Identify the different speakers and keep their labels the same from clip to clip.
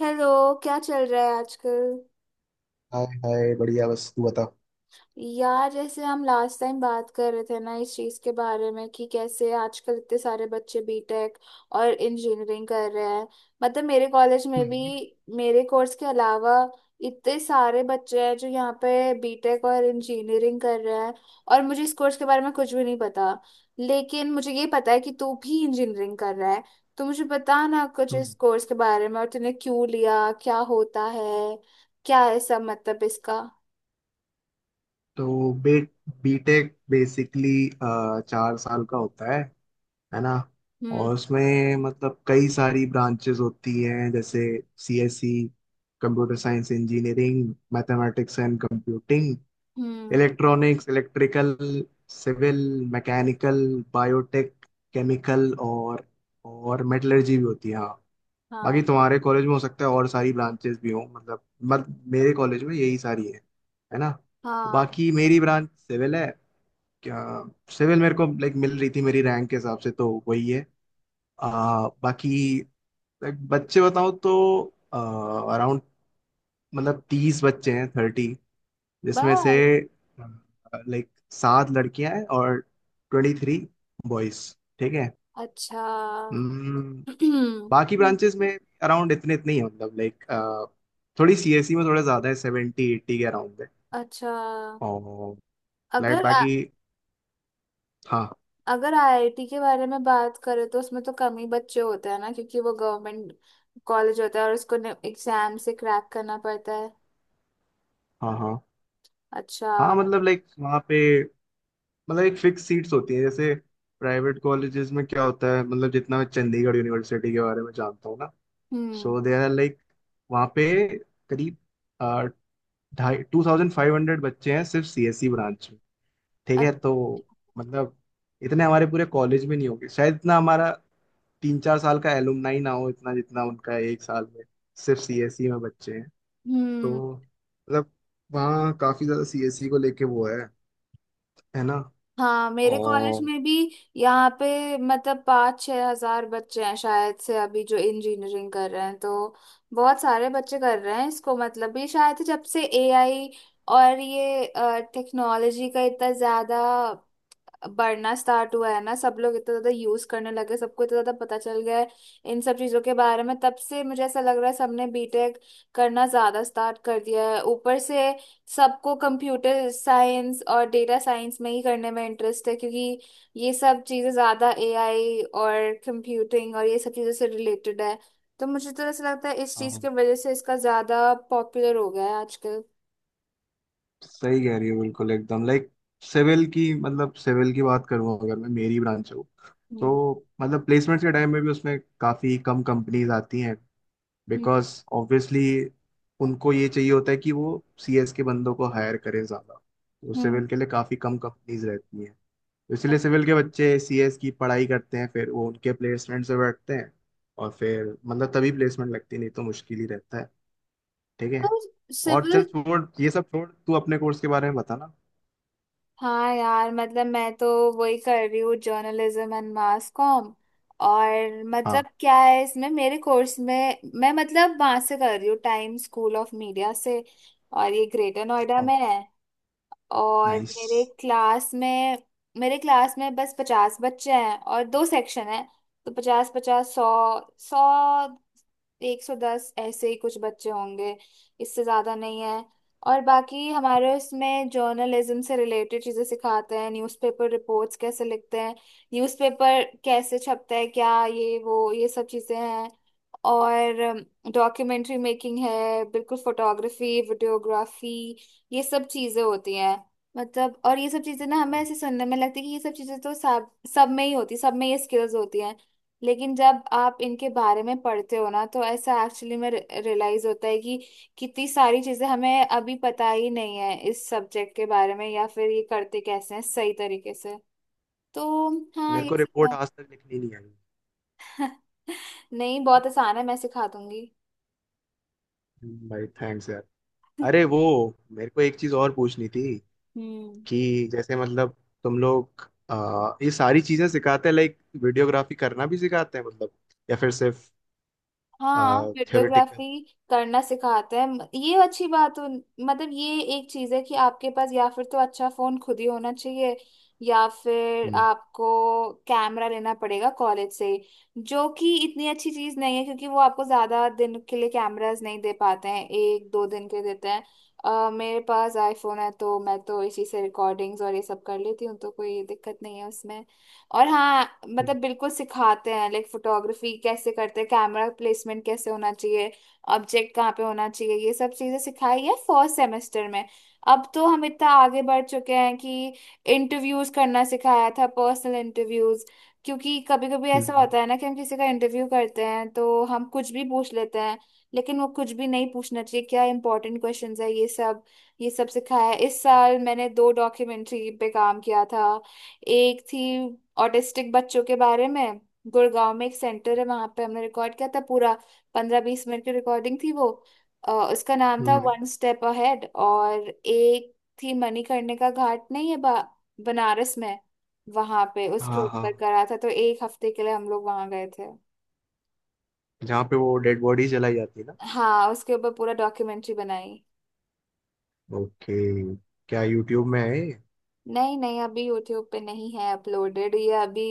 Speaker 1: Hello. क्या चल रहा है आजकल?
Speaker 2: हाय हाय, बढ़िया। बस तू बता।
Speaker 1: यार, जैसे हम लास्ट टाइम बात कर रहे थे ना इस चीज के बारे में कि कैसे आजकल इतने सारे बच्चे बीटेक और इंजीनियरिंग कर रहे हैं। मतलब मेरे कॉलेज में भी
Speaker 2: हम्म।
Speaker 1: मेरे कोर्स के अलावा इतने सारे बच्चे हैं जो यहाँ पे बीटेक और इंजीनियरिंग कर रहे हैं, और मुझे इस कोर्स के बारे में कुछ भी नहीं पता, लेकिन मुझे ये पता है कि तू भी इंजीनियरिंग कर रहा है। तो मुझे बता ना कुछ
Speaker 2: हम्म।
Speaker 1: इस कोर्स के बारे में, और तूने क्यों लिया, क्या होता है, क्या है सब मतलब इसका।
Speaker 2: तो बे बीटेक बेसिकली 4 साल का होता है ना।
Speaker 1: हम्म।
Speaker 2: और उसमें मतलब कई सारी ब्रांचेस होती हैं जैसे CSC, computer science engineering, mathematics and computing,
Speaker 1: हम्म।
Speaker 2: Electronics, electrical, civil, mechanical, biotech, chemical और मेटलर्जी भी होती है, हाँ। बाकी
Speaker 1: हाँ।
Speaker 2: तुम्हारे कॉलेज में हो सकता है और सारी ब्रांचेस भी हों मतलब मत मेरे कॉलेज में यही सारी है ना।
Speaker 1: हाँ।
Speaker 2: बाकी मेरी ब्रांच सिविल है। क्या सिविल मेरे को लाइक मिल रही थी मेरी रैंक के हिसाब से, तो वही है। बाकी like, बच्चे बताऊं तो अराउंड मतलब 30 बच्चे हैं, 30। जिसमें से
Speaker 1: बाल।
Speaker 2: लाइक 7 लड़कियां हैं और 23 बॉयज। ठीक है।
Speaker 1: अच्छा।
Speaker 2: हम्म। बाकी ब्रांचेस में अराउंड इतने इतने ही हैं मतलब लाइक, थोड़ी सीएससी में थोड़ा ज्यादा है, 70 80 के अराउंड है।
Speaker 1: अच्छा।
Speaker 2: और लाइक
Speaker 1: अगर आ,
Speaker 2: बाकी। हाँ।
Speaker 1: अगर आईआईटी के बारे में बात करें तो उसमें तो कम ही बच्चे होते हैं ना, क्योंकि वो गवर्नमेंट कॉलेज होता है और उसको एग्जाम से क्रैक करना पड़ता है।
Speaker 2: हाँ। हाँ।
Speaker 1: अच्छा।
Speaker 2: हाँ, मतलब लाइक वहाँ पे मतलब एक फिक्स सीट्स होती हैं, जैसे प्राइवेट कॉलेजेस में क्या होता है मतलब, जितना मैं चंडीगढ़ यूनिवर्सिटी के बारे में जानता हूँ ना,
Speaker 1: हम्म।
Speaker 2: सो दे आर लाइक वहाँ पे करीब अ, 2500 बच्चे हैं सिर्फ सीएससी ब्रांच में। ठीक
Speaker 1: अ-
Speaker 2: है। तो मतलब इतने हमारे पूरे कॉलेज में नहीं होंगे, शायद इतना हमारा 3 4 साल का एलुमनाई ना हो, इतना जितना उनका एक साल में सिर्फ सीएससी में बच्चे हैं।
Speaker 1: हम्म।
Speaker 2: तो मतलब वहाँ काफी ज्यादा सीएससी को लेके वो है ना।
Speaker 1: हाँ, मेरे कॉलेज
Speaker 2: और
Speaker 1: में भी यहाँ पे मतलब 5-6 हजार बच्चे हैं शायद से, अभी जो इंजीनियरिंग कर रहे हैं। तो बहुत सारे बच्चे कर रहे हैं इसको। मतलब ये शायद से जब से एआई और ये टेक्नोलॉजी का इतना ज्यादा बढ़ना स्टार्ट हुआ है ना, सब लोग इतना ज्यादा यूज करने लगे, सबको इतना ज्यादा पता चल गया है इन सब चीजों के बारे में, तब से मुझे ऐसा लग रहा है सबने बीटेक करना ज्यादा स्टार्ट कर दिया है। ऊपर से सबको कंप्यूटर साइंस और डेटा साइंस में ही करने में इंटरेस्ट है, क्योंकि ये सब चीजें ज्यादा एआई और कंप्यूटिंग और ये सब चीजों से रिलेटेड है। तो मुझे तो ऐसा लगता है इस चीज
Speaker 2: हाँ,
Speaker 1: की वजह से इसका ज्यादा पॉपुलर हो गया है आजकल।
Speaker 2: सही कह रही हो, बिल्कुल एकदम। लाइक सिविल की मतलब सिविल की बात करूँ अगर मैं, मेरी ब्रांच हूँ, तो
Speaker 1: हम्म।
Speaker 2: मतलब प्लेसमेंट्स के टाइम में भी उसमें काफी कम कंपनीज आती हैं,
Speaker 1: हम्म।
Speaker 2: बिकॉज ऑब्वियसली उनको ये चाहिए होता है कि वो सीएस के बंदों को हायर करें ज्यादा, तो
Speaker 1: हम्म।
Speaker 2: सिविल के लिए काफी कम कंपनीज रहती हैं। तो इसलिए सिविल के बच्चे सीएस की पढ़ाई करते हैं, फिर वो उनके प्लेसमेंट से बैठते हैं। और फिर मतलब तभी प्लेसमेंट लगती, नहीं तो मुश्किल ही रहता है। ठीक है।
Speaker 1: तो
Speaker 2: और चल
Speaker 1: सिविल।
Speaker 2: छोड़, ये सब छोड़, तू अपने कोर्स के बारे में बता ना।
Speaker 1: हाँ यार, मतलब मैं तो वही कर रही हूँ, जर्नलिज्म एंड मास कॉम। और
Speaker 2: हाँ।
Speaker 1: मतलब क्या है इसमें मेरे कोर्स में, मैं मतलब वहां से कर रही हूँ, टाइम स्कूल ऑफ मीडिया से। और ये ग्रेटर नोएडा में है। और
Speaker 2: नाइस।
Speaker 1: मेरे क्लास में बस 50 बच्चे हैं और दो सेक्शन है। तो पचास पचास सौ सौ एक सौ दस ऐसे ही कुछ बच्चे होंगे, इससे ज्यादा नहीं है। और बाकी हमारे उसमें जर्नलिज्म से रिलेटेड चीजें सिखाते हैं, न्यूज़पेपर रिपोर्ट्स कैसे लिखते हैं, न्यूज़पेपर कैसे छपता है, क्या ये वो ये सब चीजें हैं। और डॉक्यूमेंट्री मेकिंग है बिल्कुल, फोटोग्राफी, वीडियोग्राफी, ये सब चीजें होती हैं। मतलब और ये सब चीजें ना हमें ऐसे सुनने में लगती है कि ये सब चीजें तो सब सब में ही होती, सब में ये स्किल्स होती हैं। लेकिन जब आप इनके बारे में पढ़ते हो ना, तो ऐसा एक्चुअली में रियलाइज होता है कि कितनी सारी चीजें हमें अभी पता ही नहीं है इस सब्जेक्ट के बारे में, या फिर ये करते कैसे हैं सही तरीके से। तो हाँ,
Speaker 2: मेरे
Speaker 1: ये
Speaker 2: को रिपोर्ट
Speaker 1: सब
Speaker 2: आज तक लिखनी नहीं आई
Speaker 1: है। नहीं, बहुत आसान है, मैं सिखा दूंगी।
Speaker 2: हम्म। भाई थैंक्स यार। अरे वो, मेरे को एक चीज और पूछनी थी
Speaker 1: हम्म।
Speaker 2: कि, जैसे मतलब तुम लोग ये सारी चीजें सिखाते हैं लाइक वीडियोग्राफी करना भी सिखाते हैं मतलब, या फिर सिर्फ
Speaker 1: हाँ,
Speaker 2: थ्योरेटिकल।
Speaker 1: हियरडोग्राफी करना सिखाते हैं। ये अच्छी बात हो, मतलब ये एक चीज है कि आपके पास या फिर तो अच्छा फोन खुद ही होना चाहिए, या फिर आपको कैमरा लेना पड़ेगा कॉलेज से ही, जो कि इतनी अच्छी चीज नहीं है, क्योंकि वो आपको ज्यादा दिन के लिए कैमरास नहीं दे पाते हैं, एक दो दिन के देते हैं। मेरे पास आईफोन है तो मैं तो इसी से रिकॉर्डिंग्स और ये सब कर लेती हूँ, तो कोई दिक्कत नहीं है उसमें। और हाँ, मतलब बिल्कुल सिखाते हैं, लाइक फोटोग्राफी कैसे करते हैं, कैमरा प्लेसमेंट कैसे होना चाहिए, ऑब्जेक्ट कहाँ पे होना चाहिए, ये सब चीजें सिखाई है फर्स्ट सेमेस्टर में। अब तो हम इतना आगे बढ़ चुके हैं कि इंटरव्यूज करना सिखाया था, पर्सनल इंटरव्यूज, क्योंकि कभी कभी ऐसा
Speaker 2: हम्म।
Speaker 1: होता है ना कि हम किसी का इंटरव्यू करते हैं तो हम कुछ भी पूछ लेते हैं, लेकिन वो कुछ भी नहीं पूछना चाहिए, क्या इंपॉर्टेंट क्वेश्चंस है ये सब, ये सब सिखाया है। इस साल मैंने दो डॉक्यूमेंट्री पे काम किया था। एक थी ऑटिस्टिक बच्चों के बारे में, गुड़गांव में एक सेंटर है, वहां पे हमने रिकॉर्ड किया था पूरा, 15-20 मिनट की रिकॉर्डिंग थी वो। उसका नाम था
Speaker 2: हम्म।
Speaker 1: One step ahead. और एक थी मणिकर्णिका का घाट, नहीं है बनारस में, वहां पे उसके
Speaker 2: हाँ हाँ,
Speaker 1: ऊपर करा था, तो एक हफ्ते के लिए हम लोग वहां गए थे।
Speaker 2: जहाँ पे वो डेड बॉडी जलाई जाती है ना।
Speaker 1: हाँ, उसके ऊपर पूरा डॉक्यूमेंट्री बनाई।
Speaker 2: ओके। क्या यूट्यूब में है ये?
Speaker 1: नहीं नहीं, अभी यूट्यूब पे नहीं है अपलोडेड ये, अभी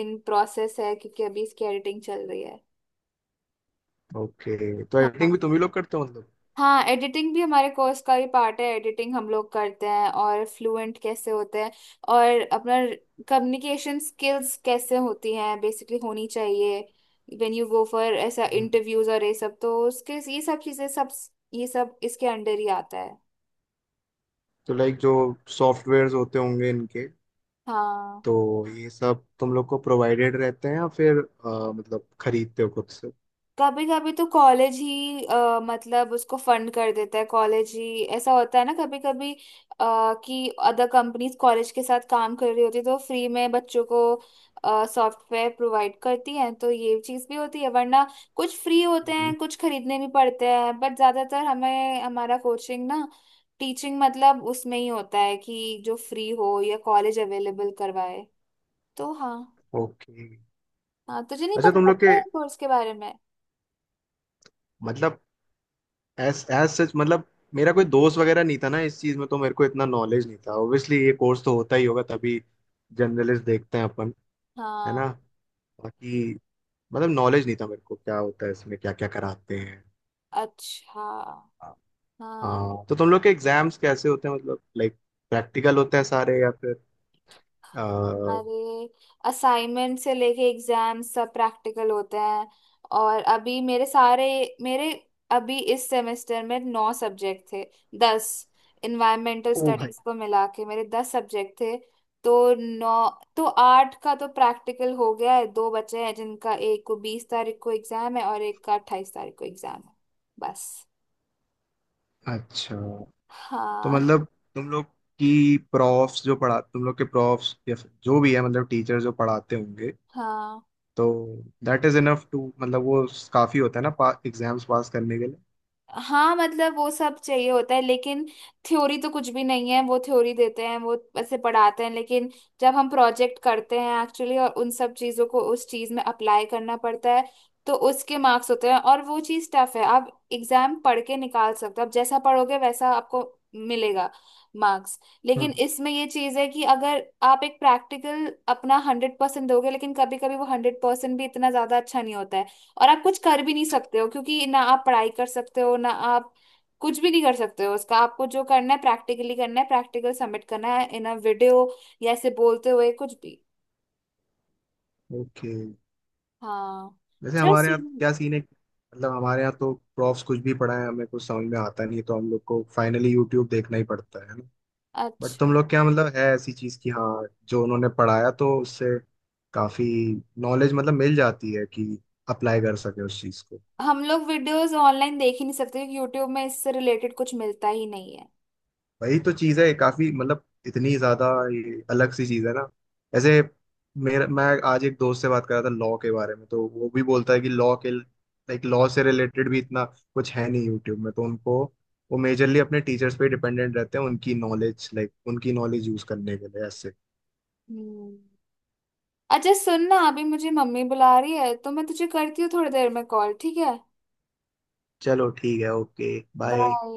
Speaker 1: इन प्रोसेस है क्योंकि अभी इसकी एडिटिंग चल रही है।
Speaker 2: ओके, तो एडिटिंग
Speaker 1: हाँ।
Speaker 2: भी तुम ही लोग करते हो मतलब।
Speaker 1: हाँ, एडिटिंग भी हमारे कोर्स का ही पार्ट है, एडिटिंग हम लोग करते हैं, और फ्लुएंट कैसे होते हैं और अपना कम्युनिकेशन स्किल्स कैसे होती हैं बेसिकली होनी चाहिए, व्हेन यू गो फॉर ऐसा
Speaker 2: हम्म।
Speaker 1: इंटरव्यूज और ये सब, तो उसके ये सब चीजें सब, ये सब इसके अंडर ही आता है।
Speaker 2: तो लाइक जो सॉफ्टवेयर्स होते होंगे इनके,
Speaker 1: हाँ,
Speaker 2: तो ये सब तुम लोग को प्रोवाइडेड रहते हैं या फिर मतलब खरीदते हो खुद से।
Speaker 1: कभी कभी तो कॉलेज ही मतलब उसको फंड कर देता है, कॉलेज ही ऐसा होता है ना कभी कभी, कि अदर कंपनीज कॉलेज के साथ काम कर रही होती है तो फ्री में बच्चों को सॉफ्टवेयर प्रोवाइड करती हैं, तो ये चीज भी होती है, वरना कुछ फ्री होते
Speaker 2: हम्म।
Speaker 1: हैं, कुछ खरीदने भी पड़ते हैं, बट ज्यादातर हमें हमारा कोचिंग ना टीचिंग मतलब उसमें ही होता है कि जो फ्री हो या कॉलेज अवेलेबल करवाए। तो हाँ।
Speaker 2: ओके।
Speaker 1: हाँ, तुझे नहीं
Speaker 2: अच्छा
Speaker 1: पता
Speaker 2: तुम
Speaker 1: था
Speaker 2: लोग के
Speaker 1: क्या कोर्स के बारे में?
Speaker 2: मतलब एस एज सच, मतलब मेरा कोई दोस्त वगैरह नहीं था ना इस चीज में, तो मेरे को इतना नॉलेज नहीं था। ऑब्वियसली ये कोर्स तो होता ही होगा तभी जर्नलिस्ट देखते हैं अपन, है
Speaker 1: हाँ।
Speaker 2: ना। बाकी मतलब नॉलेज नहीं था मेरे को क्या होता है इसमें, क्या क्या कराते हैं।
Speaker 1: अच्छा। हाँ,
Speaker 2: हाँ तो तुम लोग के एग्जाम्स कैसे होते हैं मतलब लाइक, प्रैक्टिकल होते हैं सारे या फिर आ,
Speaker 1: हमारे असाइनमेंट से लेके एग्जाम सब प्रैक्टिकल होते हैं। और अभी मेरे अभी इस सेमेस्टर में नौ सब्जेक्ट थे, 10, इन्वायरमेंटल
Speaker 2: ओ भाई।
Speaker 1: स्टडीज को मिला के मेरे 10 सब्जेक्ट थे। तो नौ तो आठ का तो प्रैक्टिकल हो गया है, दो बचे हैं जिनका एक को 20 तारीख को एग्जाम है और एक का 28 तारीख को एग्जाम है। बस।
Speaker 2: अच्छा तो
Speaker 1: हाँ।
Speaker 2: मतलब तुम लोग की प्रॉफ्स जो पढ़ा, तुम लोग के प्रॉफ्स या फिर जो भी है मतलब टीचर जो पढ़ाते होंगे,
Speaker 1: हाँ,
Speaker 2: तो दैट इज इनफ टू, मतलब वो काफी होता है ना एग्जाम्स पास करने के लिए।
Speaker 1: हाँ मतलब वो सब चाहिए होता है, लेकिन थ्योरी तो कुछ भी नहीं है, वो थ्योरी देते हैं, वो ऐसे पढ़ाते हैं, लेकिन जब हम प्रोजेक्ट करते हैं एक्चुअली और उन सब चीजों को उस चीज में अप्लाई करना पड़ता है, तो उसके मार्क्स होते हैं और वो चीज टफ है। आप एग्जाम पढ़ के निकाल सकते हो, आप जैसा पढ़ोगे वैसा आपको मिलेगा मार्क्स,
Speaker 2: हम्म।
Speaker 1: लेकिन इसमें ये चीज है कि अगर आप एक प्रैक्टिकल अपना 100% दोगे, लेकिन कभी कभी वो 100% भी इतना ज्यादा अच्छा नहीं होता है, और आप कुछ कर भी नहीं सकते हो, क्योंकि ना आप पढ़ाई कर सकते हो ना आप कुछ भी नहीं कर सकते हो उसका। आपको जो करना है प्रैक्टिकली करना है, प्रैक्टिकल सबमिट करना है इन अ वीडियो, या ऐसे बोलते हुए कुछ भी।
Speaker 2: ओके।
Speaker 1: हाँ,
Speaker 2: वैसे
Speaker 1: चल
Speaker 2: हमारे यहाँ
Speaker 1: सुन।
Speaker 2: क्या सीन है, मतलब हमारे यहाँ तो प्रॉफ्स कुछ भी पढ़ाए, हमें कुछ समझ में आता नहीं है, तो हम लोग को फाइनली यूट्यूब देखना ही पड़ता है ना। बट तुम
Speaker 1: अच्छा।
Speaker 2: लोग क्या, मतलब है ऐसी चीज की, हाँ, जो उन्होंने पढ़ाया तो उससे काफी नॉलेज मतलब मिल जाती है कि अप्लाई कर सके उस चीज को।
Speaker 1: हम लोग वीडियोस ऑनलाइन देख ही नहीं सकते, क्योंकि यूट्यूब में इससे रिलेटेड कुछ मिलता ही नहीं है।
Speaker 2: वही तो चीज है, काफी मतलब इतनी ज्यादा ये अलग सी चीज है ना ऐसे। मेरा मैं आज एक दोस्त से बात कर रहा था लॉ के बारे में, तो वो भी बोलता है कि लॉ के लाइक, लॉ से रिलेटेड भी इतना कुछ है नहीं यूट्यूब में, तो उनको वो मेजरली अपने टीचर्स पे डिपेंडेंट रहते हैं, उनकी नॉलेज लाइक उनकी नॉलेज यूज करने के लिए ऐसे।
Speaker 1: हम्म। अच्छा सुन ना, अभी मुझे मम्मी बुला रही है तो मैं तुझे करती हूँ थोड़ी देर में कॉल, ठीक है?
Speaker 2: चलो ठीक है, ओके। बाय।
Speaker 1: बाय।